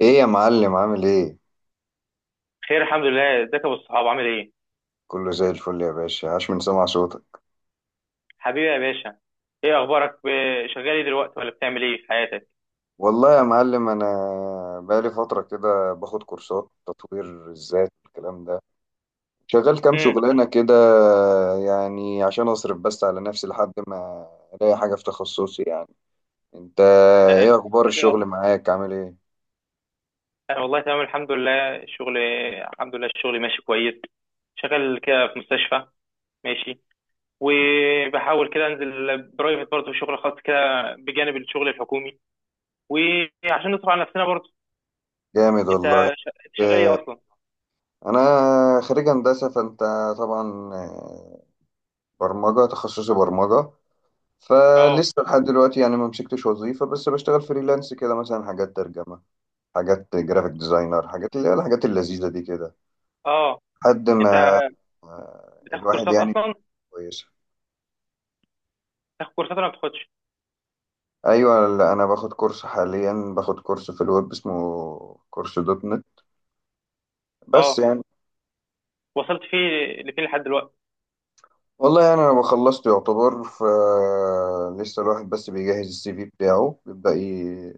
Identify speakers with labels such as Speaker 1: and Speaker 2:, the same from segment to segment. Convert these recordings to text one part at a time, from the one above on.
Speaker 1: ايه يا معلم عامل ايه؟
Speaker 2: خير، الحمد لله، ازيك يا ابو الصحاب؟ عامل ايه؟
Speaker 1: كله زي الفل يا باشا، عاش من سمع صوتك.
Speaker 2: حبيبي يا باشا. ايه اخبارك؟ شغال ايه دلوقتي ولا بتعمل ايه في حياتك؟
Speaker 1: والله يا معلم انا بقالي فتره كده باخد كورسات تطوير الذات والكلام ده. شغال كام
Speaker 2: امم
Speaker 1: شغلانه كده يعني عشان اصرف بس على نفسي لحد ما الاقي حاجه في تخصصي يعني. انت
Speaker 2: انت
Speaker 1: ايه اخبار
Speaker 2: بتشتغل إيه
Speaker 1: الشغل
Speaker 2: أصلاً؟
Speaker 1: معاك، عامل ايه؟
Speaker 2: انا والله تمام، الحمد لله. الشغل، الحمد لله، الشغل ماشي كويس. شغال كده في مستشفى. ماشي. وبحاول كده انزل برايفت برضه، شغل خاص كده بجانب الشغل الحكومي، وعشان نصرف على نفسنا برضه.
Speaker 1: جامد
Speaker 2: انت،
Speaker 1: والله.
Speaker 2: أنت شغال
Speaker 1: آه،
Speaker 2: ايه اصلا؟
Speaker 1: انا خريج هندسه، فانت طبعا. برمجه تخصصي، برمجه.
Speaker 2: اه،
Speaker 1: فلسه لحد دلوقتي يعني ما مسكتش وظيفة، بس بشتغل فريلانس كده، مثلا حاجات ترجمة، حاجات جرافيك ديزاينر، حاجات اللي هي الحاجات اللذيذة دي كده
Speaker 2: اه،
Speaker 1: لحد
Speaker 2: انت
Speaker 1: ما
Speaker 2: بتاخد
Speaker 1: الواحد
Speaker 2: كورسات
Speaker 1: يعني
Speaker 2: اصلا؟
Speaker 1: كويسة.
Speaker 2: بتاخد كورسات ولا ما بتاخدش؟
Speaker 1: أيوة، لا، أنا باخد كورس حاليا، باخد كورس في الويب اسمه كورس دوت نت، بس
Speaker 2: اه،
Speaker 1: يعني،
Speaker 2: وصلت فيه لفين لحد دلوقتي؟
Speaker 1: والله يعني أنا بخلصت يعتبر. فلسه الواحد بس بيجهز السي في بتاعه، بيبدأ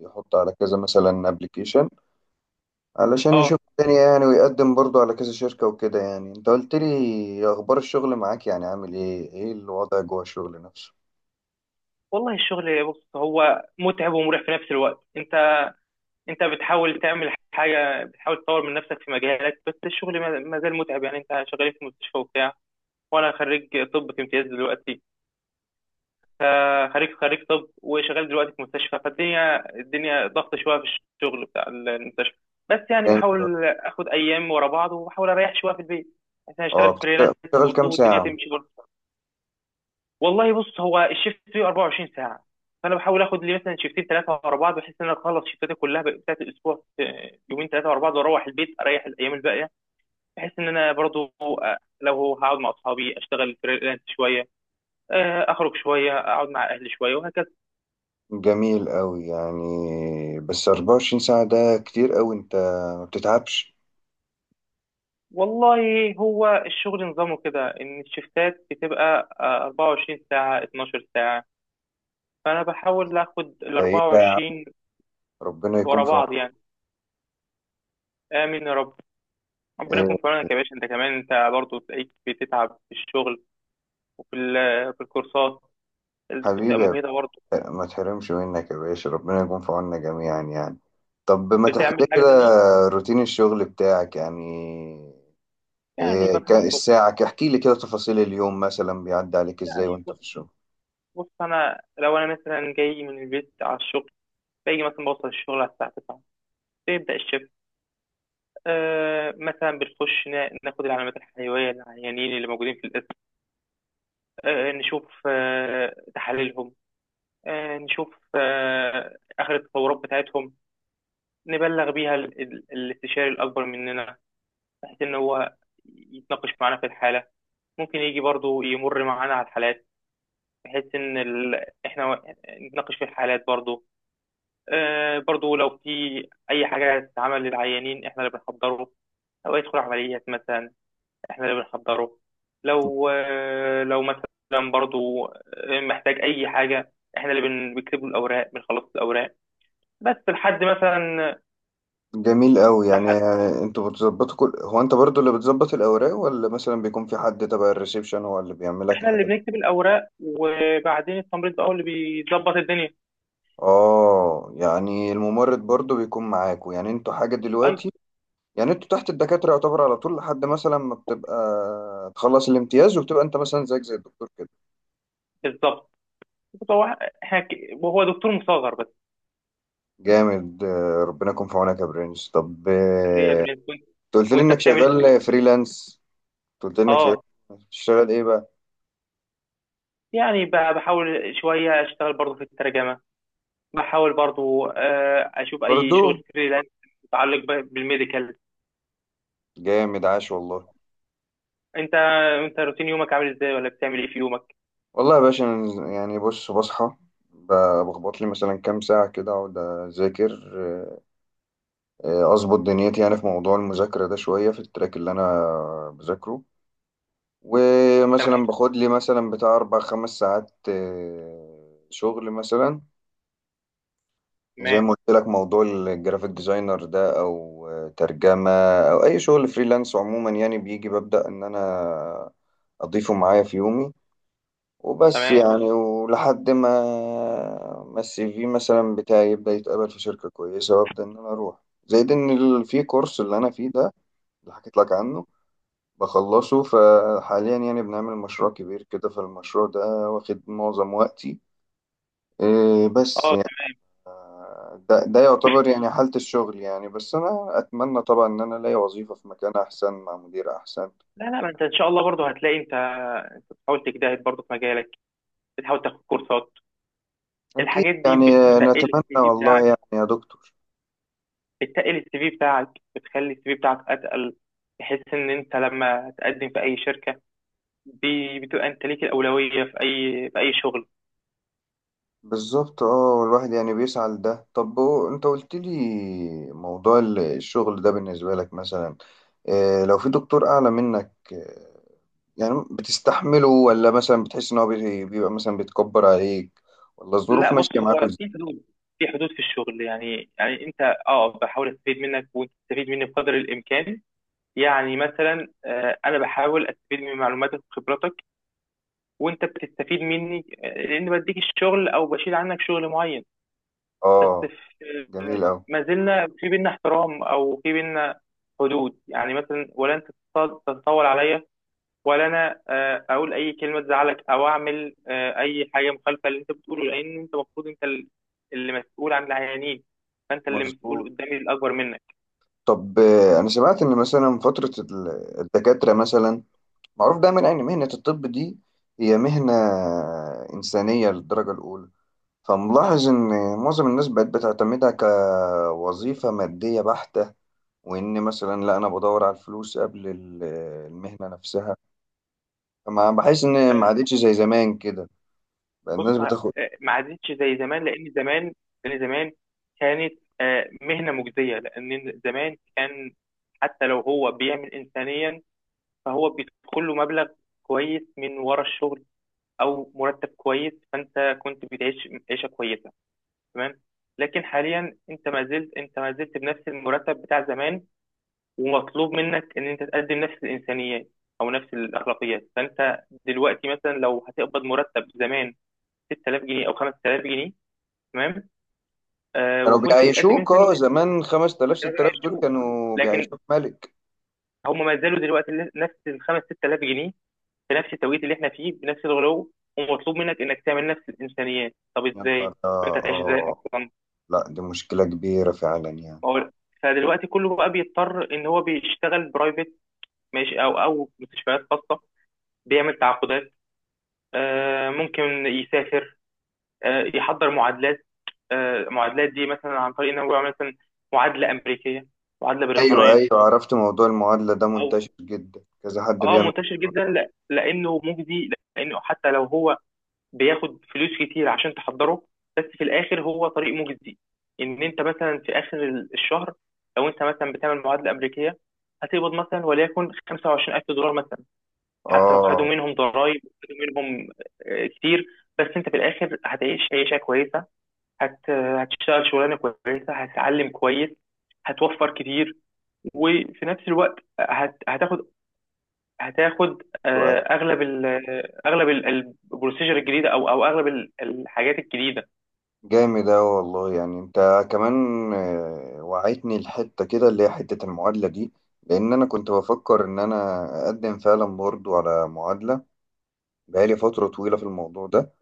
Speaker 1: يحط على كذا مثلا ابلكيشن علشان
Speaker 2: اه،
Speaker 1: يشوف الدنيا يعني، ويقدم برضو على كذا شركة وكده يعني. انت قلت لي اخبار الشغل معاك يعني، عامل ايه، ايه الوضع جوه الشغل نفسه؟
Speaker 2: والله الشغل بص، هو متعب ومريح في نفس الوقت. انت، انت بتحاول تعمل حاجه، بتحاول تطور من نفسك في مجالك، بس الشغل ما زال متعب. يعني انت شغال في مستشفى وبتاع، وانا خريج طب في امتياز دلوقتي. خريج طب وشغال دلوقتي في مستشفى، فالدنيا ضغط شويه في الشغل بتاع المستشفى. بس يعني
Speaker 1: جامد.
Speaker 2: بحاول اخد ايام ورا بعض، وبحاول اريح شويه في البيت عشان
Speaker 1: اه،
Speaker 2: اشتغل فريلانس
Speaker 1: بتشتغل
Speaker 2: برضه،
Speaker 1: كام
Speaker 2: والدنيا
Speaker 1: ساعة؟
Speaker 2: تمشي برضه. والله بص، هو الشيفت فيه 24 ساعه، فانا بحاول اخد لي مثلا شيفتين ثلاثه ورا بعض، بحيث ان انا اخلص شيفتاتي كلها بتاعت الاسبوع في يومين ثلاثه ورا بعض، واروح البيت اريح الايام الباقيه، بحيث ان انا برضو لو هقعد مع اصحابي اشتغل فريلانس شويه، اخرج شويه، اقعد مع اهلي شويه، وهكذا.
Speaker 1: جميل قوي يعني، بس 24 ساعة ده كتير قوي، انت ما بتتعبش؟
Speaker 2: والله هو الشغل نظامه كده ان الشيفتات بتبقى 24 ساعه، 12 ساعه، فانا بحاول اخد ال
Speaker 1: ده ايه ده يا عم؟
Speaker 2: 24
Speaker 1: ربنا يكون
Speaker 2: ورا
Speaker 1: في
Speaker 2: بعض
Speaker 1: عونك.
Speaker 2: يعني. امين يا رب. ربنا يكون
Speaker 1: إيه
Speaker 2: في عونك يا باشا، انت كمان انت برضه تلاقيك بتتعب في الشغل، في الكورسات بتبقى
Speaker 1: حبيبي يا
Speaker 2: مجهده برضه.
Speaker 1: باشا، ما تحرمش منك يا باشا، ربنا يكون في عوننا جميعا يعني. طب ما تحكي
Speaker 2: بتعمل
Speaker 1: لي
Speaker 2: حاجه
Speaker 1: كده
Speaker 2: تانية؟
Speaker 1: روتين الشغل بتاعك يعني.
Speaker 2: يعني
Speaker 1: إيه
Speaker 2: بصحى
Speaker 1: كان
Speaker 2: الصبح،
Speaker 1: الساعة احكي لي كده تفاصيل اليوم مثلا بيعدي عليك ازاي
Speaker 2: يعني
Speaker 1: وانت
Speaker 2: بص
Speaker 1: في الشغل.
Speaker 2: بص انا لو انا مثلا جاي من البيت على الشغل، باجي مثلا بوصل الشغل على الساعه 9، بيبدا الشفت. مثلا بنخش ناخد العلامات الحيويه للعيانين اللي موجودين في القسم، نشوف تحاليلهم، نشوف اخر التطورات بتاعتهم، نبلغ بيها الاستشاري الاكبر مننا، بحيث إن هو يتناقش معانا في الحالة. ممكن يجي برضو يمر معانا على الحالات، بحيث إن إحنا نتناقش في الحالات برضو. برضو لو في أي حاجة تتعمل للعيانين إحنا اللي بنحضره. لو يدخل عمليات مثلا، إحنا اللي بنحضره. لو مثلا برضو محتاج أي حاجة، إحنا اللي بنكتب له الأوراق، بنخلص الأوراق، بس لحد مثلا،
Speaker 1: جميل قوي يعني.
Speaker 2: لحد
Speaker 1: انتوا بتظبطوا كل، هو انت برضو اللي بتظبط الاوراق، ولا مثلا بيكون في حد تبع الريسبشن هو اللي بيعمل لك
Speaker 2: إحنا
Speaker 1: الحاجات
Speaker 2: اللي
Speaker 1: دي؟
Speaker 2: بنكتب الأوراق، وبعدين التمريض بقى هو اللي بيظبط الدنيا.
Speaker 1: اه، يعني الممرض برضو بيكون معاكوا يعني، انتوا حاجة
Speaker 2: أيوة،
Speaker 1: دلوقتي يعني انتوا تحت الدكاترة يعتبر على طول، لحد مثلا ما بتبقى تخلص الامتياز وبتبقى انت مثلا زيك زي الدكتور كده.
Speaker 2: بالظبط. هو حكي وهو دكتور مصغر بس.
Speaker 1: جامد. ربنا يكون في عونك يا برنس. طب،
Speaker 2: هي برين كويس.
Speaker 1: انت قلت لي
Speaker 2: وانت
Speaker 1: انك
Speaker 2: بتعمل ايه في
Speaker 1: شغال
Speaker 2: يومك؟
Speaker 1: فريلانس، قلت انك شغال،
Speaker 2: اه،
Speaker 1: بتشتغل ايه بقى؟
Speaker 2: يعني بحاول شويه اشتغل برضو في الترجمه، بحاول برضو اشوف اي
Speaker 1: برضو.
Speaker 2: شغل فريلانس متعلق بالميديكال.
Speaker 1: جامد، عاش والله.
Speaker 2: انت، روتين يومك عامل ازاي ولا بتعمل ايه في يومك؟
Speaker 1: والله يا باشا أنا يعني، بص، بصحى، ب- بخبط لي مثلا كام ساعة كده أقعد أذاكر. أظبط دنيتي يعني في موضوع المذاكرة ده، شوية في التراك اللي أنا بذاكره، ومثلا
Speaker 2: تمام،
Speaker 1: باخد لي مثلا بتاع 4 5 ساعات شغل مثلا زي
Speaker 2: تمام،
Speaker 1: ما قلت لك، موضوع الجرافيك ديزاينر ده او ترجمه او اي شغل فريلانس عموما يعني، بيجي ببدا ان انا اضيفه معايا في يومي. وبس
Speaker 2: تمام،
Speaker 1: يعني، ولحد ما السي في مثلا بتاعي يبدا يتقبل في شركه كويسه وابدا ان انا اروح. زائد ان في كورس اللي انا فيه ده، اللي حكيت لك عنه، بخلصه، فحاليا يعني بنعمل مشروع كبير كده، فالمشروع ده واخد معظم وقتي. إيه، بس
Speaker 2: اه.
Speaker 1: يعني ده يعتبر يعني حالة الشغل يعني. بس أنا أتمنى طبعا إن أنا ألاقي وظيفة في مكان أحسن مع مدير أحسن.
Speaker 2: لا، لا، ما انت ان شاء الله برضو هتلاقي. انت، انت بتحاول تجتهد برضو في مجالك، بتحاول تاخد كورسات،
Speaker 1: أكيد
Speaker 2: الحاجات دي
Speaker 1: يعني،
Speaker 2: بتقل السي
Speaker 1: نتمنى
Speaker 2: في
Speaker 1: والله
Speaker 2: بتاعك،
Speaker 1: يعني يا دكتور.
Speaker 2: بتتقل السي في بتاعك، بتخلي السي في بتاعك اتقل، بحيث ان انت لما تقدم في اي شركه، بتبقى انت ليك الاولويه في اي في اي شغل.
Speaker 1: بالظبط، اه، والواحد يعني بيسعى لده. طب هو أنت قلت لي موضوع الشغل ده بالنسبة لك مثلا، لو في دكتور أعلى منك، يعني بتستحمله، ولا مثلا بتحس إن هو بيبقى مثلا بيتكبر عليك، ولا الظروف
Speaker 2: لا،
Speaker 1: ماشية
Speaker 2: بص
Speaker 1: معاكوا
Speaker 2: هو في
Speaker 1: إزاي؟
Speaker 2: حدود، في حدود في الشغل يعني. انت، اه، بحاول استفيد منك وانت تستفيد مني بقدر الامكان. يعني مثلا، انا بحاول استفيد من معلوماتك وخبراتك، وانت بتستفيد مني لان بديك الشغل او بشيل عنك شغل معين. بس
Speaker 1: اه.
Speaker 2: في،
Speaker 1: جميل أوي.
Speaker 2: ما زلنا في بينا احترام او في بينا حدود، يعني مثلا ولا انت تتطاول عليا، ولا انا اقول اي كلمه تزعلك، او اعمل اي حاجه مخالفه اللي انت بتقوله، لان انت المفروض انت اللي مسؤول عن العيانين، فانت اللي مسؤول
Speaker 1: مظبوط.
Speaker 2: قدامي الاكبر منك.
Speaker 1: طب، انا سمعت ان مثلا فترة الدكاترة مثلا، معروف دايما ان مهنة الطب دي هي مهنة انسانية للدرجة الاولى، فملاحظ ان معظم الناس بقت بتعتمدها كوظيفة مادية بحتة، وان مثلا لا، انا بدور على الفلوس قبل المهنة نفسها. فما بحس ان ما
Speaker 2: آه،
Speaker 1: عادتش زي زمان كده، بقى الناس
Speaker 2: بص،
Speaker 1: بتاخد.
Speaker 2: ما عادتش زي زمان، لان زمان كانت مهنه مجزيه، لان زمان كان حتى لو هو بيعمل انسانيا، فهو بيدخل له مبلغ كويس من ورا الشغل، او مرتب كويس، فانت كنت بتعيش عيشه كويسه، تمام. لكن حاليا انت ما زلت بنفس المرتب بتاع زمان، ومطلوب منك ان انت تقدم نفس الانسانيات، او نفس الاخلاقيات، فانت دلوقتي مثلا لو هتقبض مرتب زمان، 6000 جنيه او 5000 جنيه، تمام.
Speaker 1: كانوا
Speaker 2: وكنت بتقدم
Speaker 1: بيعيشوك اه،
Speaker 2: انسانيات،
Speaker 1: زمان 5000،
Speaker 2: فده بقى
Speaker 1: 6000 دول
Speaker 2: هيشوف.
Speaker 1: كانوا
Speaker 2: لكن
Speaker 1: بيعيشوك ملك.
Speaker 2: هم ما زالوا دلوقتي نفس ال 5 6000 جنيه، في نفس التوقيت اللي احنا فيه بنفس الغلو، ومطلوب منك انك تعمل نفس الانسانيات. طب
Speaker 1: يا نهار
Speaker 2: ازاي انت
Speaker 1: اه.
Speaker 2: هتعيش ازاي
Speaker 1: آه.
Speaker 2: اصلا؟
Speaker 1: لا، دي مشكلة كبيرة فعلا يعني.
Speaker 2: ما هو- فدلوقتي كله بقى بيضطر ان هو بيشتغل برايفت، ماشي، او مستشفيات خاصه، بيعمل تعاقدات، ممكن يسافر، يحضر معادلات. المعادلات دي مثلا عن طريق ان هو يعمل مثلا معادله امريكيه، معادله
Speaker 1: أيوة،
Speaker 2: بريطانيه،
Speaker 1: أيوة، عرفت. موضوع المعادلة ده
Speaker 2: او
Speaker 1: منتشر جدا، كذا حد
Speaker 2: اه،
Speaker 1: بيعمل.
Speaker 2: منتشر جدا لانه مجدي، لانه حتى لو هو بياخد فلوس كتير عشان تحضره، بس في الاخر هو طريق مجزي. ان انت مثلا في اخر الشهر، لو انت مثلا بتعمل معادله امريكيه هتقبض مثلا وليكن 25000 دولار مثلا، حتى لو خدوا
Speaker 1: آه.
Speaker 2: منهم ضرائب، وخدوا منهم كتير، بس انت في الاخر هتعيش عيشه كويسه، هتشتغل شغلانه كويسه، هتتعلم كويس، هتوفر كتير، وفي نفس الوقت هت... هتاخد هتاخد
Speaker 1: أيوة.
Speaker 2: اغلب ال اغلب ال- البروسيجر الجديده، او اغلب ال- الحاجات الجديده.
Speaker 1: جامد أوي والله يعني. أنت كمان وعيتني الحتة كده اللي هي حتة المعادلة دي، لأن أنا كنت بفكر إن أنا أقدم فعلا برضو على معادلة بقالي فترة طويلة في الموضوع ده،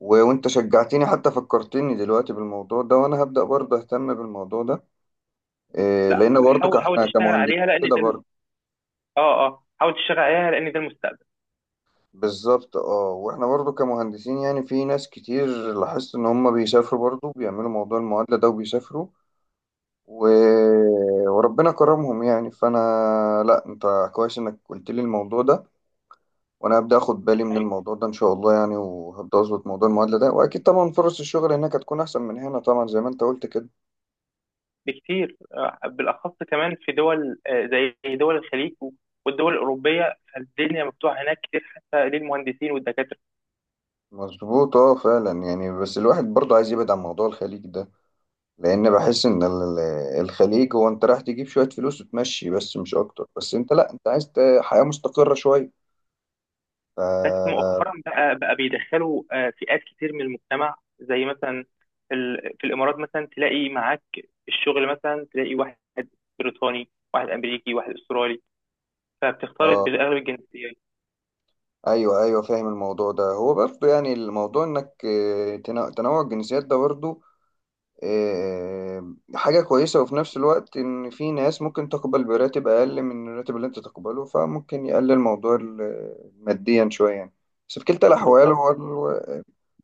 Speaker 1: وأنت شجعتني، حتى فكرتني دلوقتي بالموضوع ده، وأنا هبدأ برضو أهتم بالموضوع ده.
Speaker 2: لا،
Speaker 1: لأن برضو
Speaker 2: حاول
Speaker 1: إحنا
Speaker 2: تشتغل
Speaker 1: كمهندسين
Speaker 2: عليها لان
Speaker 1: كده
Speaker 2: ده
Speaker 1: برضو.
Speaker 2: حاول تشتغل عليها لان ده المستقبل.
Speaker 1: بالظبط، اه، واحنا برضو كمهندسين يعني في ناس كتير لاحظت ان هم بيسافروا، برضو بيعملوا موضوع المعادلة ده وبيسافروا، و... وربنا كرمهم يعني. فانا، لا، انت كويس انك قلت لي الموضوع ده، وانا هبدأ اخد بالي من
Speaker 2: أيوة.
Speaker 1: الموضوع ده ان شاء الله يعني، وهبدأ اظبط موضوع المعادلة ده، واكيد طبعا فرص الشغل هناك هتكون احسن من هنا طبعا زي ما انت قلت كده.
Speaker 2: بكتير، بالاخص كمان في دول زي دول الخليج والدول الاوروبيه، فالدنيا مفتوحه هناك كتير، حتى للمهندسين والدكاتره.
Speaker 1: مظبوط، اه، فعلا يعني. بس الواحد برضو عايز يبعد عن موضوع الخليج ده، لان بحس ان الخليج هو انت رايح تجيب شويه فلوس وتمشي بس، مش اكتر. بس انت، لا، انت عايز حياه مستقره شويه. ف...
Speaker 2: بس مؤخرا بقى بيدخلوا فئات كتير من المجتمع، زي مثلا في الامارات مثلا تلاقي معاك في الشغل، مثلا تلاقي واحد بريطاني، واحد امريكي، واحد استرالي، فبتختلط
Speaker 1: آه،
Speaker 2: بالاغلب الجنسيات.
Speaker 1: ايوه، ايوه، فاهم الموضوع ده. هو برضه يعني الموضوع انك تنوع الجنسيات ده برضه حاجه كويسه، وفي نفس الوقت ان في ناس ممكن تقبل براتب اقل من الراتب اللي انت تقبله، فممكن يقلل موضوع ماديا شويه يعني. بس في كلتا الاحوال،
Speaker 2: بالظبط،
Speaker 1: هو ال-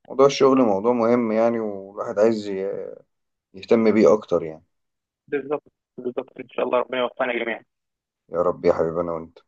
Speaker 1: موضوع الشغل موضوع مهم يعني، والواحد عايز يهتم بيه اكتر يعني.
Speaker 2: بالظبط، بالظبط، ان شاء الله ربنا يوفقنا جميعا.
Speaker 1: يا رب يا حبيبي، انا وانت.